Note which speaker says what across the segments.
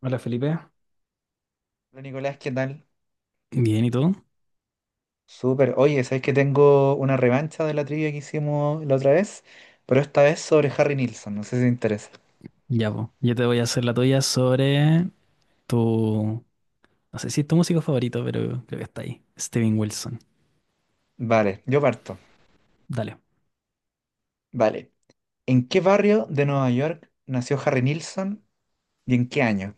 Speaker 1: Hola, Felipe.
Speaker 2: Hola Nicolás, ¿qué tal?
Speaker 1: Bien, ¿y tú?
Speaker 2: Súper. Oye, ¿sabes que tengo una revancha de la trivia que hicimos la otra vez? Pero esta vez sobre Harry Nilsson, no sé si te interesa.
Speaker 1: Ya, pues. Yo te voy a hacer la tuya sobre tu. No sé si es tu músico favorito, pero creo que está ahí. Steven Wilson.
Speaker 2: Vale, yo parto.
Speaker 1: Dale.
Speaker 2: Vale. ¿En qué barrio de Nueva York nació Harry Nilsson y en qué año?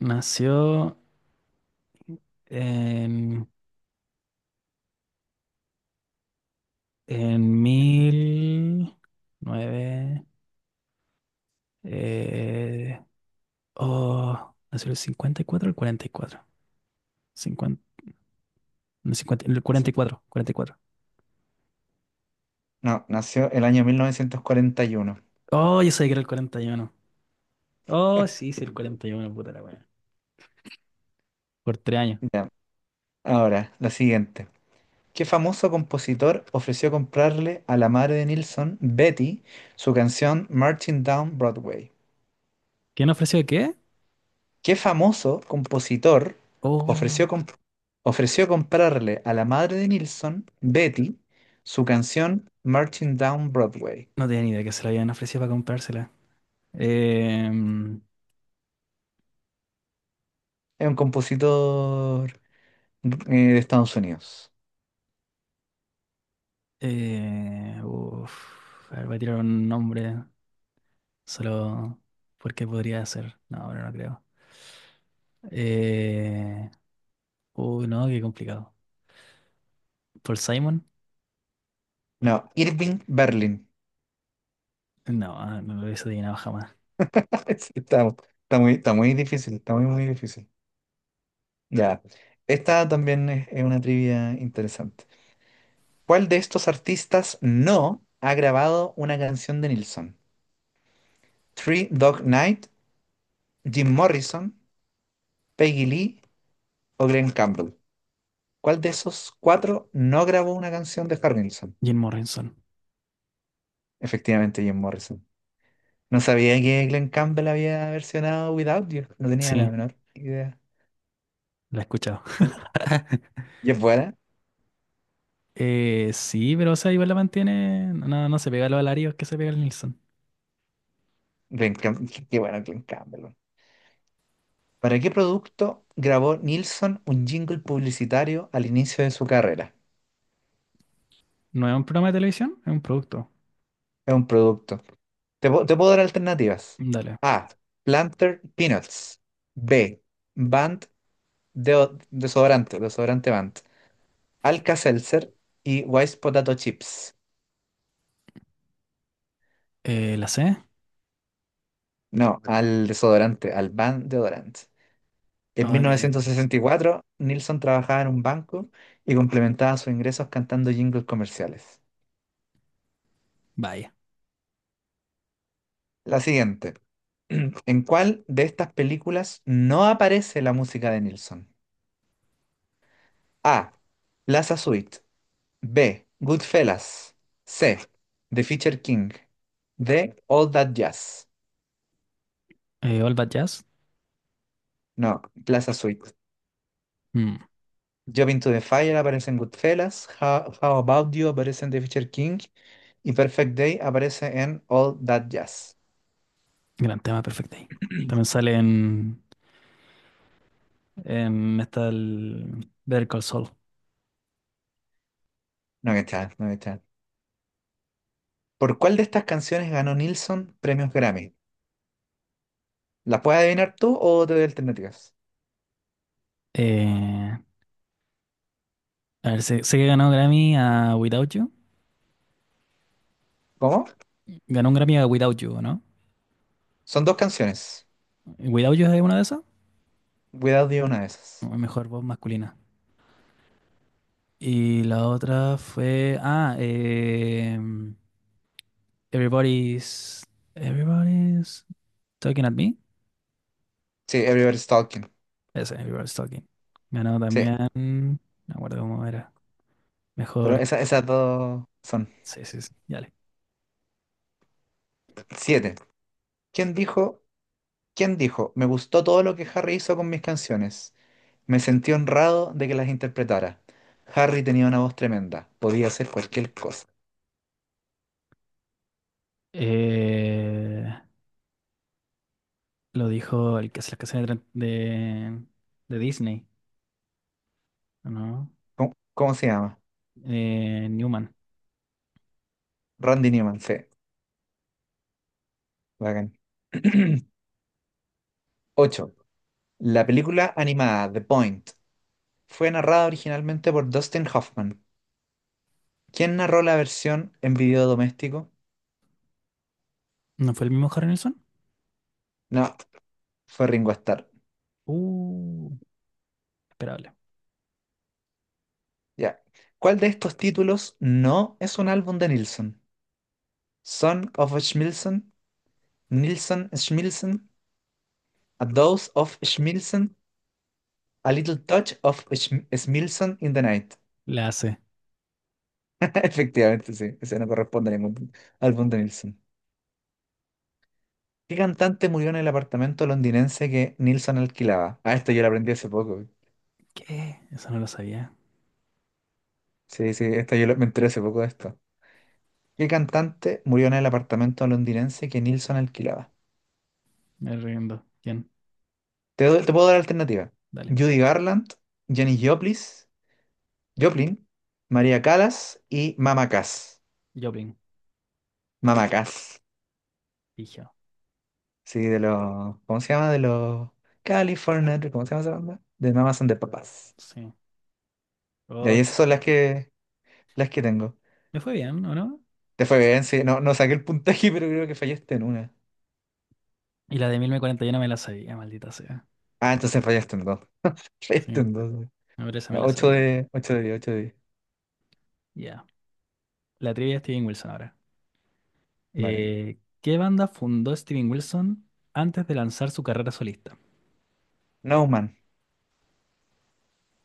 Speaker 1: Nació en. En
Speaker 2: ¿Eh?
Speaker 1: mil. Nueve. eh, oh, nació el 54 o el 44. 50 no, 50 el cuarenta cuarenta y
Speaker 2: Sí.
Speaker 1: cuatro cuarenta y cuatro.
Speaker 2: No, nació el año 1941.
Speaker 1: Oh, yo sabía que era el 41. Oh, sí, sí, el 41, puta la wea. Por tres años.
Speaker 2: Ya. Ahora, la siguiente. ¿Qué famoso compositor ofreció comprarle a la madre de Nilsson, Betty, su canción Marching Down Broadway?
Speaker 1: ¿Quién ofreció qué?
Speaker 2: ¿Qué famoso compositor
Speaker 1: Oh,
Speaker 2: ofreció, comp- ofreció comprarle a la madre de Nilsson, Betty, su canción Marching Down Broadway?
Speaker 1: no tenía ni idea que se la habían ofrecido para comprársela. Em,
Speaker 2: Es un compositor eh, de Estados Unidos.
Speaker 1: uf, a ver, voy a tirar un nombre solo porque podría ser. No, ahora no creo. Eh, uy, no, qué complicado. ¿Paul Simon?
Speaker 2: No, Irving Berlin.
Speaker 1: No, ah, no lo hubiese adivinado jamás.
Speaker 2: Sí. Está muy, está muy difícil, está muy, muy difícil. Ya, esta también es una trivia interesante. ¿Cuál de estos artistas no ha grabado una canción de Nilsson? Three Dog Night, Jim Morrison, Peggy Lee o Glenn Campbell. ¿Cuál de esos cuatro no grabó una canción de Harrelson?
Speaker 1: Jim Morrison.
Speaker 2: Efectivamente, Jim Morrison. No sabía que Glenn Campbell había versionado Without You. No tenía la
Speaker 1: Sí,
Speaker 2: menor idea.
Speaker 1: la he escuchado.
Speaker 2: No, ¿y es buena?
Speaker 1: Sí, pero o sea, igual la mantiene. No, no se pega a los alarios que se pega el Nilsson.
Speaker 2: Qué bueno Glenn Campbell. ¿Para qué producto grabó Nilsson un jingle publicitario al inicio de su carrera?
Speaker 1: No es un programa de televisión, es un producto.
Speaker 2: Es un producto. Te puedo dar alternativas.
Speaker 1: Dale.
Speaker 2: A. Planter Peanuts. B. Band de desodorante, desodorante Band. Alka-Seltzer y Wise Potato Chips.
Speaker 1: ¿La C?
Speaker 2: No, al desodorante, al Van deodorant. En
Speaker 1: Ah, de ahí,
Speaker 2: 1964, Nilsson trabajaba en un banco y complementaba sus ingresos cantando jingles comerciales.
Speaker 1: vaya.
Speaker 2: La siguiente. ¿En cuál de estas películas no aparece la música de Nilsson? A. Plaza Suite. B. Goodfellas. C. The Fisher King. D. All That Jazz.
Speaker 1: All That Jazz.
Speaker 2: No, Plaza Suite.
Speaker 1: Mm,
Speaker 2: Jump to the Fire aparece en Goodfellas, How About You aparece en The Fisher King y Perfect Day aparece en All That Jazz.
Speaker 1: gran tema, perfecto ahí. También sale en esta el Better Call Saul.
Speaker 2: No que tal, no que tal. ¿Por cuál de estas canciones ganó Nilsson premios Grammy? ¿La puedes adivinar tú o te doy alternativas?
Speaker 1: Eh, a ver, sé que ganó Grammy a Without You.
Speaker 2: ¿Cómo?
Speaker 1: Ganó un Grammy a Without You, ¿no?
Speaker 2: Son dos canciones.
Speaker 1: ¿Without You es una de esas?
Speaker 2: Without You, una de esas.
Speaker 1: O mejor voz masculina. Y la otra fue. Ah, Everybody's. Everybody's Talking at Me.
Speaker 2: Sí, Everybody's Talking.
Speaker 1: Ese, Everybody's Talking. Ganó
Speaker 2: Sí,
Speaker 1: también. No me acuerdo cómo era.
Speaker 2: pero
Speaker 1: Mejor.
Speaker 2: esas dos son
Speaker 1: Sí, sí, sí, dale.
Speaker 2: siete. ¿Quién dijo ¿Quién dijo? Me gustó todo lo que Harry hizo con mis canciones. Me sentí honrado de que las interpretara. Harry tenía una voz tremenda. Podía hacer cualquier cosa.
Speaker 1: Eh, lo dijo el que hace las canciones de, de Disney, ¿no?
Speaker 2: ¿Cómo se llama?
Speaker 1: Newman.
Speaker 2: Randy Newman, sí. Bacán. 8. La película animada The Point fue narrada originalmente por Dustin Hoffman. ¿Quién narró la versión en video doméstico?
Speaker 1: ¿No fue el mismo Harry Nilsson?
Speaker 2: No, fue Ringo Starr.
Speaker 1: Uh, esperable.
Speaker 2: Ya. ¿Cuál de estos títulos no es un álbum de Nilsson? Son of a Schmilsson, Nilsson Schmilsson, A dose of Schmilson, a little touch of Schmilson in the night.
Speaker 1: La hace.
Speaker 2: Efectivamente, sí, ese no corresponde a ningún álbum de Nilsson. ¿Qué cantante murió en el apartamento londinense que Nilsson alquilaba? Ah, esto yo lo aprendí hace poco.
Speaker 1: ¿Qué? Eso no lo sabía.
Speaker 2: Sí, sí, esto me enteré hace poco de esto. ¿Qué cantante murió en el apartamento londinense que Nilsson alquilaba?
Speaker 1: Me rindo. ¿Quién?
Speaker 2: Te puedo dar alternativa.
Speaker 1: Dale.
Speaker 2: Judy Garland, Janis Joplin, María Callas y Mama Cass.
Speaker 1: Joplin.
Speaker 2: Mama Cass.
Speaker 1: Fijo.
Speaker 2: Sí, de los, ¿cómo se llama? De los California, ¿cómo se llama esa banda? De Mamas son de papas.
Speaker 1: Sí.
Speaker 2: Y
Speaker 1: Oh,
Speaker 2: ahí
Speaker 1: qué
Speaker 2: esas son las
Speaker 1: loco.
Speaker 2: que, las que tengo.
Speaker 1: Me fue bien, ¿o no?
Speaker 2: Te fue bien, sí. No, no saqué el puntaje, pero creo que fallaste en una.
Speaker 1: Y la de 1041 me la sabía, maldita sea.
Speaker 2: Ah, entonces fallaste en dos. Fallaste
Speaker 1: Sí,
Speaker 2: en dos.
Speaker 1: ahora esa me la
Speaker 2: Ocho
Speaker 1: sabía.
Speaker 2: de, ocho de diez, ocho de diez.
Speaker 1: Ya. La trivia de Steven Wilson ahora.
Speaker 2: Vale.
Speaker 1: ¿Qué banda fundó Steven Wilson antes de lanzar su carrera solista?
Speaker 2: No Man.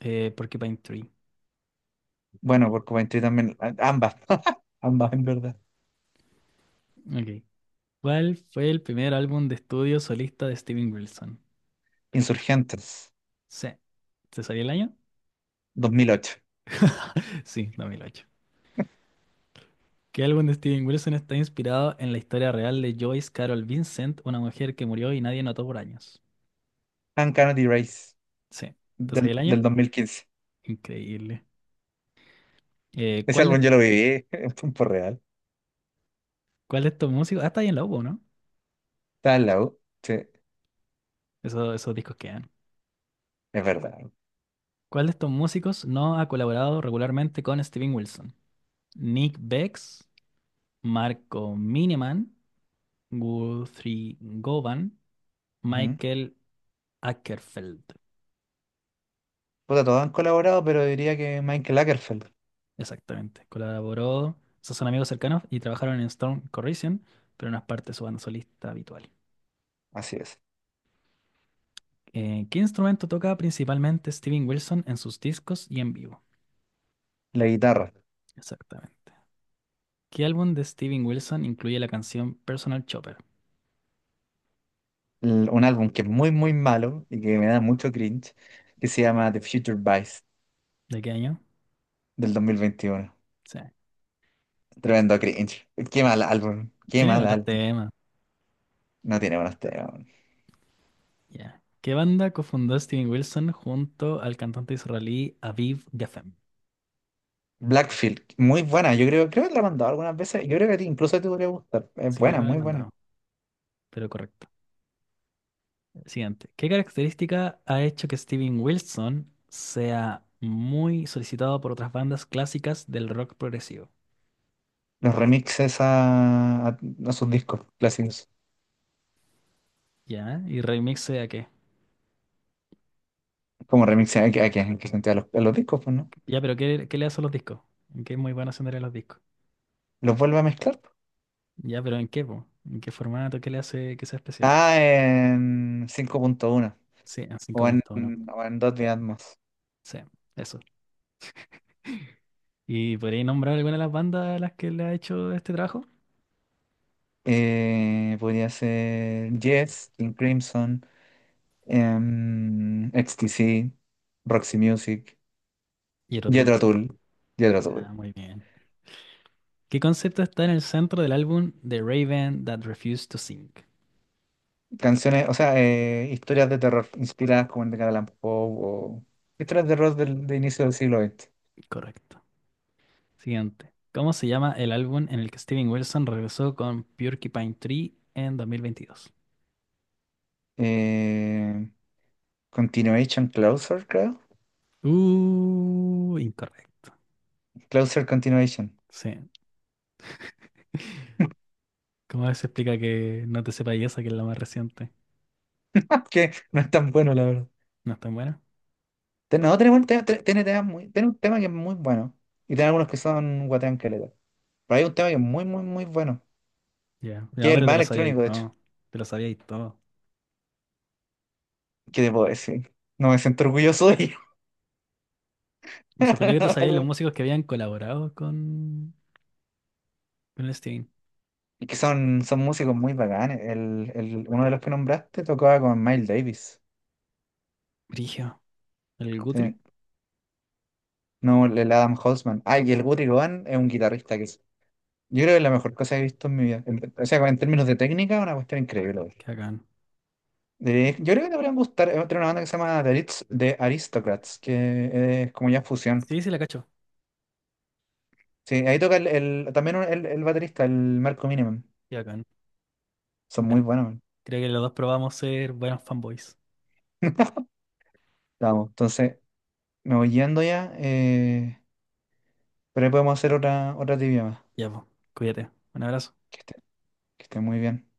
Speaker 1: Porcupine Tree.
Speaker 2: Bueno, por Coventry también. Ambas. Ambas, en verdad.
Speaker 1: Ok. ¿Cuál fue el primer álbum de estudio solista de Steven Wilson?
Speaker 2: Insurgentes.
Speaker 1: Sí. ¿Se sabía el año?
Speaker 2: 2008.
Speaker 1: Sí, 2008. ¿Qué álbum de Steven Wilson está inspirado en la historia real de Joyce Carol Vincent, una mujer que murió y nadie notó por años?
Speaker 2: Uncanny Race.
Speaker 1: Sí. ¿Te sabía
Speaker 2: Del,
Speaker 1: el
Speaker 2: del
Speaker 1: año?
Speaker 2: 2015.
Speaker 1: Increíble. Eh,
Speaker 2: Ese
Speaker 1: ¿cuál
Speaker 2: álbum
Speaker 1: de,
Speaker 2: yo lo viví en tiempo real.
Speaker 1: ¿cuál de estos músicos? Ah, está ahí en la U, ¿no?
Speaker 2: Estaba en la U. Sí,
Speaker 1: Esos, esos discos que
Speaker 2: es verdad.
Speaker 1: ¿cuál de estos músicos no ha colaborado regularmente con Steven Wilson? Nick Bex, Marco Miniman, Guthrie Govan,
Speaker 2: Ujú.
Speaker 1: Michael Ackerfeld.
Speaker 2: Puta, todos han colaborado, pero diría que Michael Lagerfeld.
Speaker 1: Exactamente. Colaboró, esos son amigos cercanos y trabajaron en Storm Corrosion, pero no es parte de su banda solista habitual.
Speaker 2: Así es.
Speaker 1: ¿Qué instrumento toca principalmente Steven Wilson en sus discos y en vivo?
Speaker 2: La guitarra.
Speaker 1: Exactamente. ¿Qué álbum de Steven Wilson incluye la canción Personal Chopper?
Speaker 2: Un álbum que es muy, muy malo y que me da mucho cringe, que se llama The Future Vice
Speaker 1: ¿De qué año?
Speaker 2: del 2021.
Speaker 1: Sí.
Speaker 2: Tremendo cringe. Qué mal álbum. Qué
Speaker 1: Tiene
Speaker 2: mal
Speaker 1: buenos
Speaker 2: álbum.
Speaker 1: temas.
Speaker 2: No tiene buenos temas.
Speaker 1: Ya. ¿Qué banda cofundó Steven Wilson junto al cantante israelí Aviv Geffen?
Speaker 2: Blackfield, muy buena. Yo creo que la he mandado algunas veces. Yo creo que a ti incluso te podría gustar. Es
Speaker 1: Sí, creo
Speaker 2: buena,
Speaker 1: que me he
Speaker 2: muy buena.
Speaker 1: mandado, pero correcto. Siguiente. ¿Qué característica ha hecho que Steven Wilson sea muy solicitado por otras bandas clásicas del rock progresivo?
Speaker 2: Los remixes a sus discos clásicos.
Speaker 1: Ya, y remix a qué.
Speaker 2: Como remixes a que gente a los discos, pues, ¿no?
Speaker 1: Ya, pero ¿qué, qué le hace a los discos? ¿En qué es muy bueno sonar en los discos?
Speaker 2: Los vuelve a mezclar.
Speaker 1: Ya, pero ¿en qué, po? ¿En qué formato? ¿Qué le hace que sea especial?
Speaker 2: Ah, en 5.1
Speaker 1: Sí, en cinco
Speaker 2: o en,
Speaker 1: puntos, ¿no?
Speaker 2: o en Dolby Atmos.
Speaker 1: Sí, eso. ¿Y podríais nombrar alguna de las bandas a las que le ha hecho este trabajo?
Speaker 2: Podría ser Yes, King Crimson, XTC, Roxy Music,
Speaker 1: Y
Speaker 2: Jethro Tull, Jethro Tull.
Speaker 1: ah, muy bien. ¿Qué concepto está en el centro del álbum The Raven That Refused to Sing?
Speaker 2: Canciones, o sea, historias de terror inspiradas como el de Edgar Allan Poe o historias de terror de inicio del siglo XX.
Speaker 1: Correcto. Siguiente. ¿Cómo se llama el álbum en el que Steven Wilson regresó con Porcupine Tree en 2022?
Speaker 2: Eh, Continuation Closer, creo.
Speaker 1: Incorrecto.
Speaker 2: Closer Continuation.
Speaker 1: Sí. ¿Cómo se explica que no te sepa esa que es la más reciente?
Speaker 2: Que no es tan bueno, la verdad.
Speaker 1: ¿No es tan buena?
Speaker 2: No, tenemos un tema, tiene un tema que es muy bueno. Y tiene algunos que son guatean caleta. Pero hay un tema que es muy, muy, muy bueno.
Speaker 1: Ya. No,
Speaker 2: Que es el
Speaker 1: pero te
Speaker 2: más
Speaker 1: lo sabías y
Speaker 2: electrónico, de hecho.
Speaker 1: todo. Te lo sabías y todo.
Speaker 2: ¿Qué te puedo decir? No me siento orgulloso de ello.
Speaker 1: Me sorprendió que te sabías los
Speaker 2: Algo-
Speaker 1: músicos que habían colaborado con el Steven.
Speaker 2: Y que son músicos muy bacanes. Uno de los que nombraste tocaba con Miles Davis.
Speaker 1: Brigio. El
Speaker 2: Sí.
Speaker 1: Guthrie.
Speaker 2: No, el Adam Holtzman. Ah, y el Guthrie Govan es un guitarrista que es. Yo creo que es la mejor cosa que he visto en mi vida. O sea, en términos de técnica, una cuestión increíble.
Speaker 1: Qué bacán.
Speaker 2: Yo creo que te podrían gustar, tiene una banda que se llama The Ritz de Aristocrats, que es como ya fusión.
Speaker 1: Sí, sí, la cacho.
Speaker 2: Sí, ahí toca también el baterista, el Marco Minimum.
Speaker 1: Ya, con.
Speaker 2: Son
Speaker 1: Bueno,
Speaker 2: muy buenos, man.
Speaker 1: creo que los dos probamos ser buenos fanboys.
Speaker 2: Vamos, entonces me voy yendo ya, pero ahí podemos hacer otra trivia más.
Speaker 1: Ya, pues, cuídate. Un abrazo.
Speaker 2: Que esté, que esté muy bien.